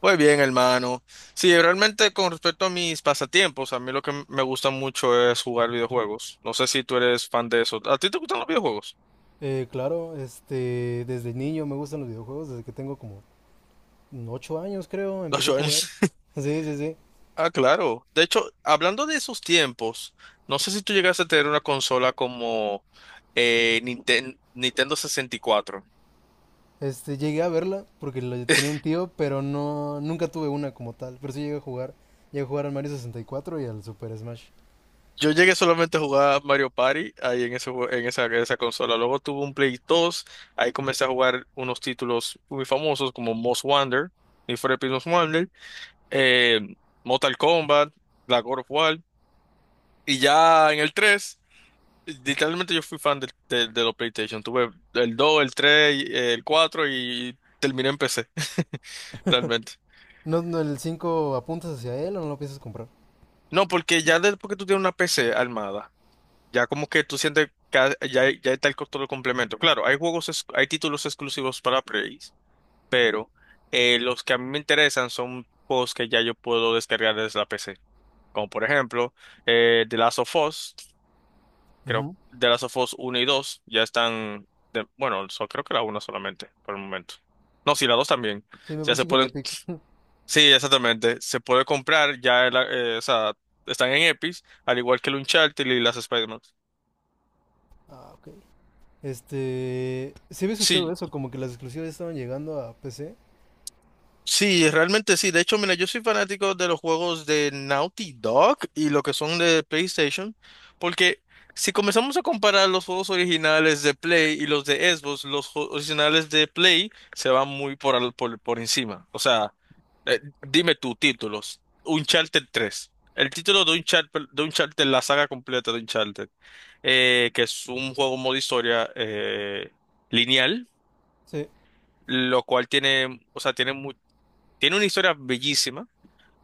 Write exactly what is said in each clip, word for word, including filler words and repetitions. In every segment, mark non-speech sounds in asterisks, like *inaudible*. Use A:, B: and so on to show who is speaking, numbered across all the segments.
A: Muy bien, hermano. Sí, realmente con respecto a mis pasatiempos, a mí lo que m- me gusta mucho es jugar videojuegos. No sé si tú eres fan de eso. ¿A ti te gustan los videojuegos?
B: Eh, claro, este, desde niño me gustan los videojuegos, desde que tengo como ocho años creo,
A: Los
B: empecé a jugar.
A: shooters. *laughs*
B: Sí, sí, sí.
A: Ah, claro. De hecho, hablando de esos tiempos, no sé si tú llegaste a tener una consola como eh, Ninten- Nintendo sesenta y cuatro.
B: Este, llegué a verla porque lo- tenía
A: *laughs*
B: un tío, pero no, nunca tuve una como tal. Pero sí llegué a jugar. Llegué a jugar al Mario sesenta y cuatro y cuatro y al Super Smash.
A: Yo llegué solamente a jugar Mario Party ahí en ese, jue- en esa, en esa consola. Luego tuve un Play dos, ahí comencé a jugar unos títulos muy famosos como Most Wonder, Need for Speed Most Wanted, eh, Mortal Kombat, la God of War. Y ya en el tres, literalmente yo fui fan del- del- de, los PlayStation. Tuve el dos, el tres, y, eh, el cuatro y terminé en P C. *laughs* Realmente.
B: No, no, ¿el cinco apuntas hacia él o no lo piensas comprar?
A: No, porque ya después que tú tienes una P C armada, ya como que tú sientes que ha- ya, ya está el costo del complemento. Claro, hay juegos, ex- hay títulos exclusivos para Play, pero eh, los que a mí me interesan son juegos que ya yo puedo descargar desde la P C. Como por ejemplo, eh, The Last of Us. Creo
B: Ujú.
A: The Last of Us uno y dos ya están, de- bueno, so- creo que la una solamente por el momento. No, sí, la dos también.
B: Sí, me
A: Ya
B: parece
A: se
B: que en
A: pueden,
B: Epic. *laughs*
A: sí, exactamente. Se puede comprar, ya, eh, la- eh, o sea, están en Epic, al igual que el Uncharted y las Spider-Man.
B: Ah, ok. Este, sí, había escuchado
A: Sí,
B: eso, como que las exclusivas ya estaban llegando a P C.
A: sí, realmente sí. De hecho, mira, yo soy fanático de los juegos de Naughty Dog y lo que son de PlayStation, porque si comenzamos a comparar los juegos originales de Play y los de Xbox, los jo- originales de Play se van muy por, al- por, por encima. O sea, eh, dime tú, títulos. Uncharted tres. El título de Uncharted, de Uncharted, la saga completa de Uncharted, eh, que es un juego modo historia, eh, lineal,
B: Sí.
A: lo cual tiene, o sea, tiene tiene una historia bellísima.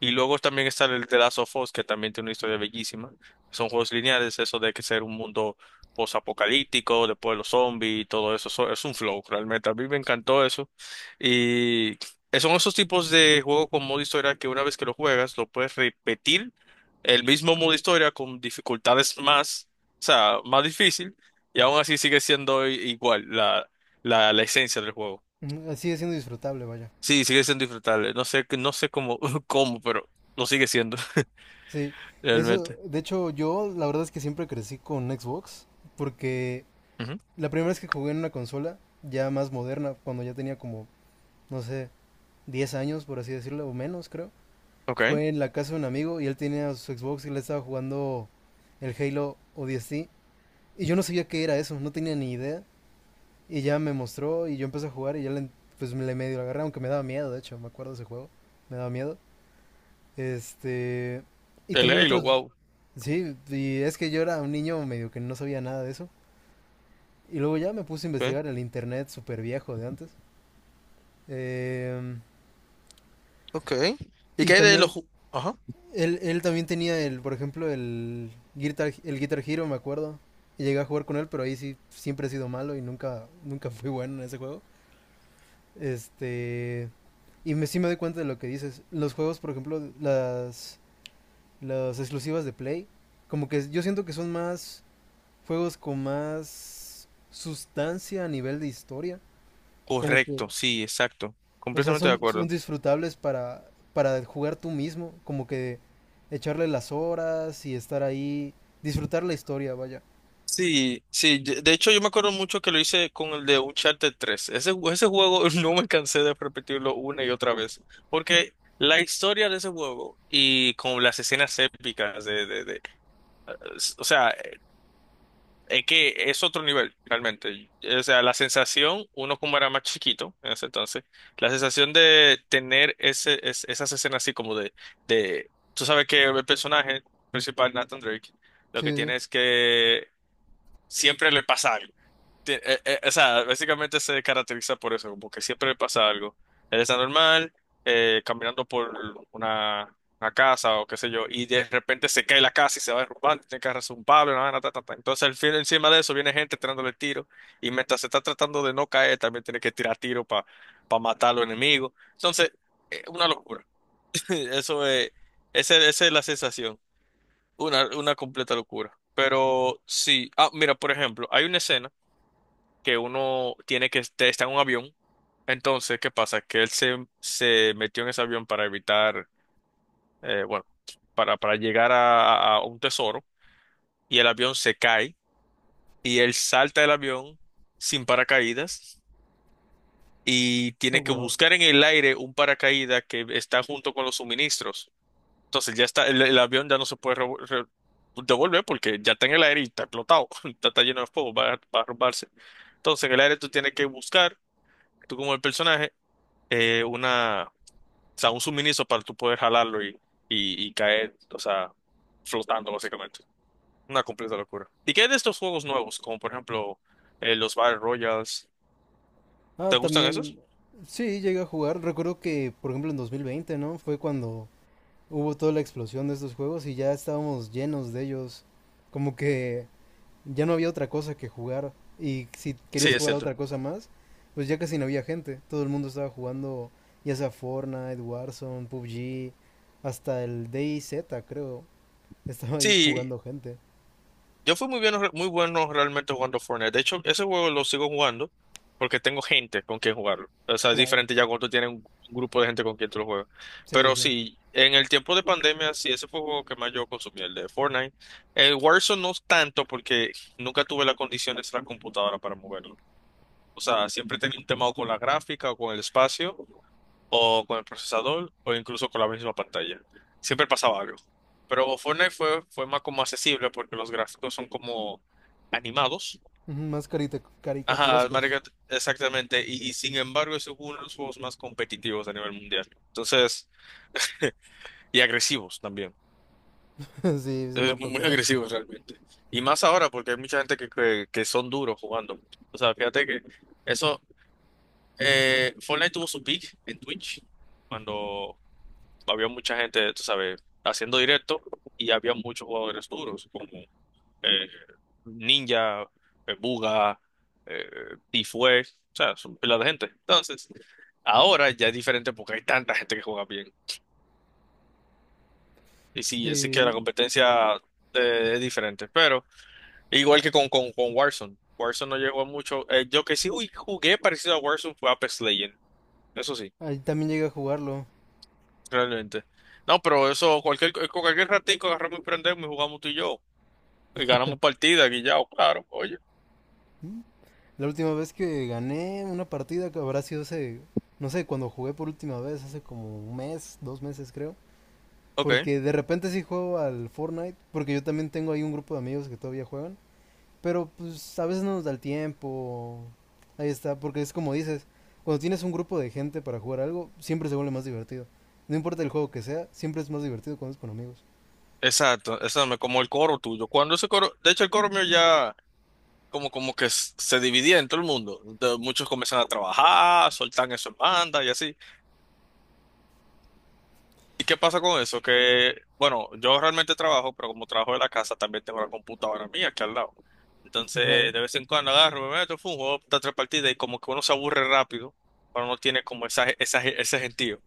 A: Y luego también está el The Last of Us, que también tiene una historia bellísima. Son juegos lineales, eso de que ser un mundo posapocalíptico, después los zombies y todo eso. Eso es un flow, realmente. A mí me encantó eso. Y son esos tipos de juegos con modo historia que una vez que lo juegas, lo puedes repetir el mismo modo historia con dificultades más, o sea, más difícil. Y aún así sigue siendo i- igual la, la, la esencia del juego.
B: Ujú. Sigue siendo disfrutable, vaya.
A: Sí, sigue siendo disfrutable. No sé, no sé cómo, *laughs* cómo, pero lo sigue siendo, *laughs*
B: Sí, eso,
A: realmente.
B: de hecho yo la verdad es que siempre crecí con Xbox, porque
A: Ujú.
B: la primera vez que jugué en una consola ya más moderna, cuando ya tenía como, no sé, diez años por así decirlo, o menos creo,
A: Ok.
B: fue en la casa de un amigo y él tenía su Xbox y le estaba jugando el Halo o ODST y yo no sabía qué era eso, no tenía ni idea y ya me mostró y yo empecé a jugar y ya le, pues le medio agarré, aunque me daba miedo, de hecho, me acuerdo de ese juego, me daba miedo. Este, y
A: El
B: también
A: Halo,
B: otros,
A: wow.
B: sí, y es que yo era un niño medio que no sabía nada de eso. Y luego ya me puse a
A: Ok.
B: investigar el internet súper viejo de antes. Em,
A: Ok. ¿Y
B: y
A: qué hay de los
B: también,
A: ju- ajá?
B: él, él también tenía el, por ejemplo, el Guitar, el Guitar Hero, me acuerdo. Y llegué a jugar con él, pero ahí sí siempre he sido malo y nunca, nunca *laughs* fui bueno en ese juego. Este, y me, sí me doy cuenta de lo que dices. Los juegos, por ejemplo, las, las exclusivas de Play, como que yo siento que son más juegos con más sustancia a nivel de historia. Como que,
A: Correcto, sí, exacto.
B: o sea,
A: Completamente de
B: son,
A: acuerdo.
B: son disfrutables para, para jugar tú mismo. Como que echarle las horas y estar ahí. Disfrutar la historia, vaya.
A: Sí, sí. De de hecho, yo me acuerdo mucho que lo hice con el de Uncharted tres. Ese, ju- ese juego, *laughs* no me cansé de repetirlo una y otra vez. Porque la historia de ese juego y con las escenas épicas de, de, de- o sea, es que es otro nivel, realmente. O sea, la sensación, uno como era más chiquito en ese entonces, la sensación de tener ese, es- esas escenas así como de, de, tú sabes que el personaje principal, Nathan Drake, lo
B: Sí,
A: que
B: sí, sí.
A: tiene es
B: *laughs*
A: que siempre le pasa algo, ti- eh, eh, o sea, básicamente se caracteriza por eso, como que siempre le pasa algo. Él está normal, eh, caminando por una, una casa o qué sé yo, y de repente se cae la casa y se va derrumbando, tiene que agarrarse un palo, una vaina, ta, ta, ta. Entonces, al fin, encima de eso, viene gente tirándole tiro, y mientras se está tratando de no caer, también tiene que tirar tiro para matar a los enemigos. Entonces, eh, una locura. *laughs* Eso es, esa esa es la sensación, una, una completa locura. Pero sí, ah, mira, por ejemplo, hay una escena que uno tiene que estar está en un avión. Entonces, ¿qué pasa? Que él se, se metió en ese avión para evitar, eh, bueno, para, para llegar a, a un tesoro, y el avión se cae y él salta del avión sin paracaídas y
B: Oh,
A: tiene que
B: wow.
A: buscar en el aire un paracaídas que está junto con los suministros. Entonces ya está, el, el avión ya no se puede revo- re- devolver porque ya está en el aire y está explotado, *laughs* está, está lleno de fuego, va, a- va a romperse. Entonces en el aire tú tienes que buscar, tú como el personaje, eh, una, o sea, un suministro para tú poder jalarlo, y, y, y caer, o sea, flotando básicamente. Una completa locura. ¿Y qué hay de estos juegos nuevos? Como por ejemplo, eh, los Battle Royals.
B: Ah,
A: ¿Te gustan
B: también,
A: esos?
B: sí, llegué a jugar. Recuerdo que, por ejemplo, en dos mil veinte, ¿no? Fue cuando hubo toda la explosión de estos juegos y ya estábamos llenos de ellos. Como que ya no había otra cosa que jugar y si
A: Sí,
B: querías
A: es
B: jugar a
A: cierto.
B: otra cosa más, pues ya casi no había gente. Todo el mundo estaba jugando ya sea Fortnite, Warzone, P U B G, hasta el DayZ creo. Estaba ahí
A: Sí,
B: jugando gente.
A: yo fui muy bien, muy bueno realmente jugando Fortnite. De hecho, ese juego lo sigo jugando porque tengo gente con quien jugarlo. O sea, es
B: Claro.
A: diferente ya cuando tú tienes un grupo de gente con quien tú lo juegas.
B: Sí,
A: Pero
B: sí.
A: sí, en el tiempo de pandemia, sí, ese fue el juego que más yo consumí, el de Fortnite. El Warzone no tanto porque nunca tuve las condiciones de la computadora para moverlo. O sea, siempre tenía un tema o con la gráfica o con el espacio o con el procesador o incluso con la misma pantalla. Siempre pasaba algo. Pero Fortnite fue, fue más como accesible porque los gráficos son como animados.
B: Ujú. Más carita-
A: Ajá,
B: caricaturescos.
A: marica, exactamente. Y, y sin embargo es uno de los juegos más competitivos a nivel mundial. Entonces, y agresivos también.
B: *laughs* Sí, sí me ha
A: Es muy muy
B: tocado.
A: agresivo realmente. Y más ahora porque hay mucha gente que, que, que son duros jugando. O sea, fíjate que eso, eh, Fortnite tuvo su peak en Twitch cuando había mucha gente, tú sabes, haciendo directo y había muchos jugadores duros, como eh, Ninja, eh, Buga, eh, Tifue, o sea, son pila de gente. Entonces, ahora ya es diferente porque hay tanta gente que juega bien. Y sí, así que la
B: Sí,
A: competencia, eh, es diferente, pero igual que con, con, con Warzone. Warzone no llegó a mucho. Eh, yo que sí uy, jugué parecido a Warzone fue Apex Legends, eso sí,
B: ahí también llegué a jugarlo.
A: realmente. No, pero eso, cualquier, eh, con cualquier ratico agarramos y prendemos y jugamos tú y yo, y ganamos partidas, guillao, claro, oye.
B: La última vez que gané una partida que habrá sido hace, no sé, cuando jugué por última vez, hace como un mes, dos meses creo.
A: Ok,
B: Porque de repente sí juego al Fortnite, porque yo también tengo ahí un grupo de amigos que todavía juegan. Pero pues a veces no nos da el tiempo. Ahí está, porque es como dices, cuando tienes un grupo de gente para jugar algo, siempre se vuelve más divertido. No importa el juego que sea, siempre es más divertido cuando es con amigos.
A: exacto, exacto, como el coro tuyo. Cuando ese coro, de hecho el coro mío ya como, como que s- se dividía en todo el mundo. Entonces, muchos comienzan a trabajar, soltan eso en banda y así. ¿Y qué pasa con eso? Que, bueno, yo realmente trabajo, pero como trabajo de la casa, también tengo la computadora mía aquí al lado.
B: *laughs*
A: Entonces,
B: Claro.
A: de vez en cuando agarro, me meto, fum, juego da tres partidas y como que uno se aburre rápido, pero no tiene como esa, esa, ese gentío.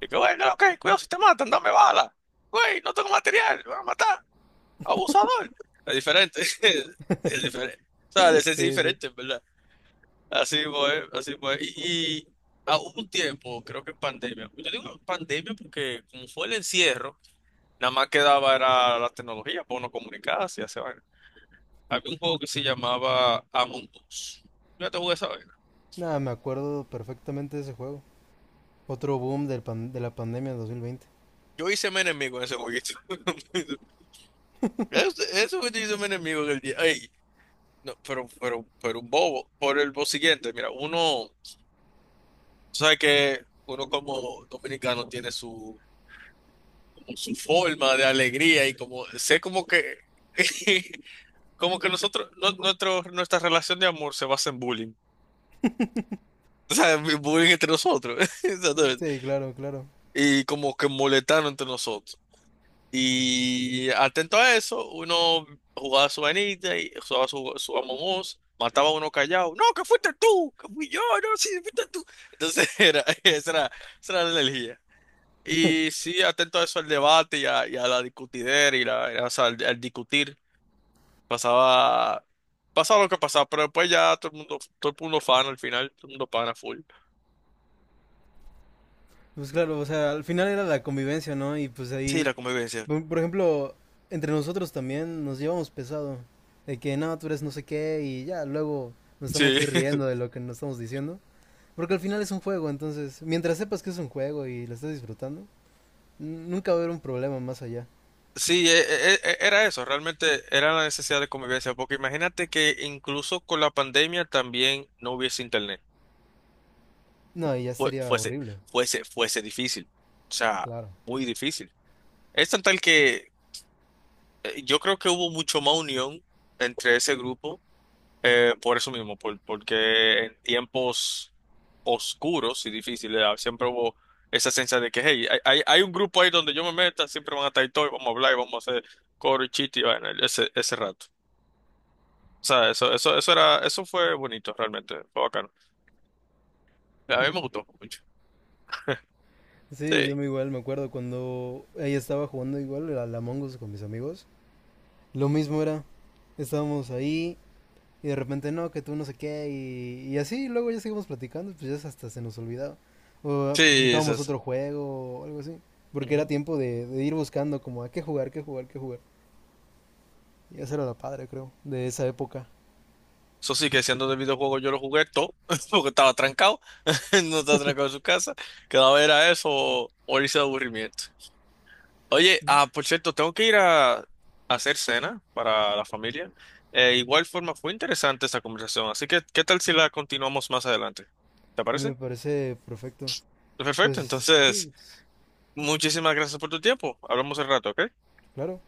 A: Y que, güey, no, ok, cuidado si te matan, dame bala. Güey, no tengo material, me van a matar. Abusador. Es diferente. *laughs* Es diferente. O sea, de ser
B: Sí, sí.
A: diferente, ¿verdad? Así fue, así fue. Y, y a un tiempo, creo que en pandemia. Yo digo pandemia porque como fue el encierro, nada más quedaba era la tecnología para uno comunicarse y hacer vaina. Había un juego que se llamaba Among Us. Yo te jugué esa vaina.
B: Nada, me acuerdo perfectamente de ese juego. Otro boom del pan- de la pandemia de dos mil veinte.
A: Yo hice mi enemigo en ese jueguito. *laughs* Eso, eso fue que yo hice mi enemigo en el día. Ey, no, pero, pero, pero un bobo, por el bo siguiente, mira, uno sabe que uno como dominicano tiene su, como su forma de alegría y como, sé como que, *laughs* como que nosotros, no- nuestro, nuestra relación de amor se basa en bullying, o sea, en bullying entre nosotros, *laughs* exactamente,
B: Sí, claro, claro.
A: y como que molestando entre nosotros. Y atento a eso, uno jugaba su vainita y jugaba su, su Among Us, mataba a uno callado. No, que fuiste tú, que fui yo, no, sí, fuiste tú. Entonces *laughs* era, esa era, esa era la energía. Y sí, atento a eso al debate y a, y a la discutidera y la, y, a- o sea, al, al discutir. Pasaba, pasaba lo que pasaba, pero después ya todo el mundo, todo el mundo fan al final, todo el mundo pana full.
B: Pues claro, o sea, al final era la convivencia, ¿no? Y pues
A: Sí,
B: ahí.
A: la convivencia.
B: Por por ejemplo, entre nosotros también nos llevamos pesado. De que no, tú eres no sé qué y ya, luego nos estamos
A: Sí.
B: ahí
A: *laughs*
B: riendo de lo que nos estamos diciendo. Porque al final es un juego, entonces, mientras sepas que es un juego y lo estás disfrutando, n- nunca va a haber un problema más allá.
A: Sí, e- e- e- era eso, realmente era la necesidad de convivencia, porque imagínate que incluso con la pandemia también no hubiese internet.
B: No, y ya
A: Fue-
B: sería
A: fuese,
B: horrible,
A: fuese, fuese difícil. O sea,
B: claro.
A: muy difícil. Es tan tal que, eh, yo creo que hubo mucho más unión entre ese grupo, eh, por eso mismo, por- porque en tiempos oscuros y difíciles, ah, siempre hubo esa sensación de que, hey, hay, hay, hay un grupo ahí donde yo me meta, siempre van a estar ahí todos, y vamos a hablar y vamos a hacer coro y chiste y vaina, ese, ese rato. O sea, eso, eso, eso era, eso fue bonito realmente, fue bacano. A mí me gustó mucho.
B: Sí, yo
A: Sí.
B: me igual me acuerdo cuando ella estaba jugando igual a la Among Us con mis amigos. Lo mismo era, estábamos ahí. Y de repente, no, que tú no sé qué, y, y así, y luego ya seguimos platicando, pues ya hasta se nos olvidaba. O
A: Sí, es
B: brincábamos
A: eso.
B: otro juego o algo así. Porque era
A: Ujú.
B: tiempo de, de ir buscando como a qué jugar, qué jugar, qué jugar. Y esa era la padre, creo, de esa época.
A: Eso sí, que siendo de videojuego yo lo jugué todo, *laughs* porque estaba trancado, *laughs* no estaba trancado en su casa, quedaba era eso o, o irse de aburrimiento. Oye,
B: ¿No?
A: ah, por cierto, tengo que ir a, a hacer cena para la familia. Eh, igual forma, fue interesante esta conversación, así que, ¿qué tal si la continuamos más adelante? ¿Te
B: A mí
A: parece?
B: me parece perfecto.
A: Perfecto,
B: Pues sí,
A: entonces,
B: pues,
A: muchísimas gracias por tu tiempo. Hablamos al rato, ¿ok?
B: claro.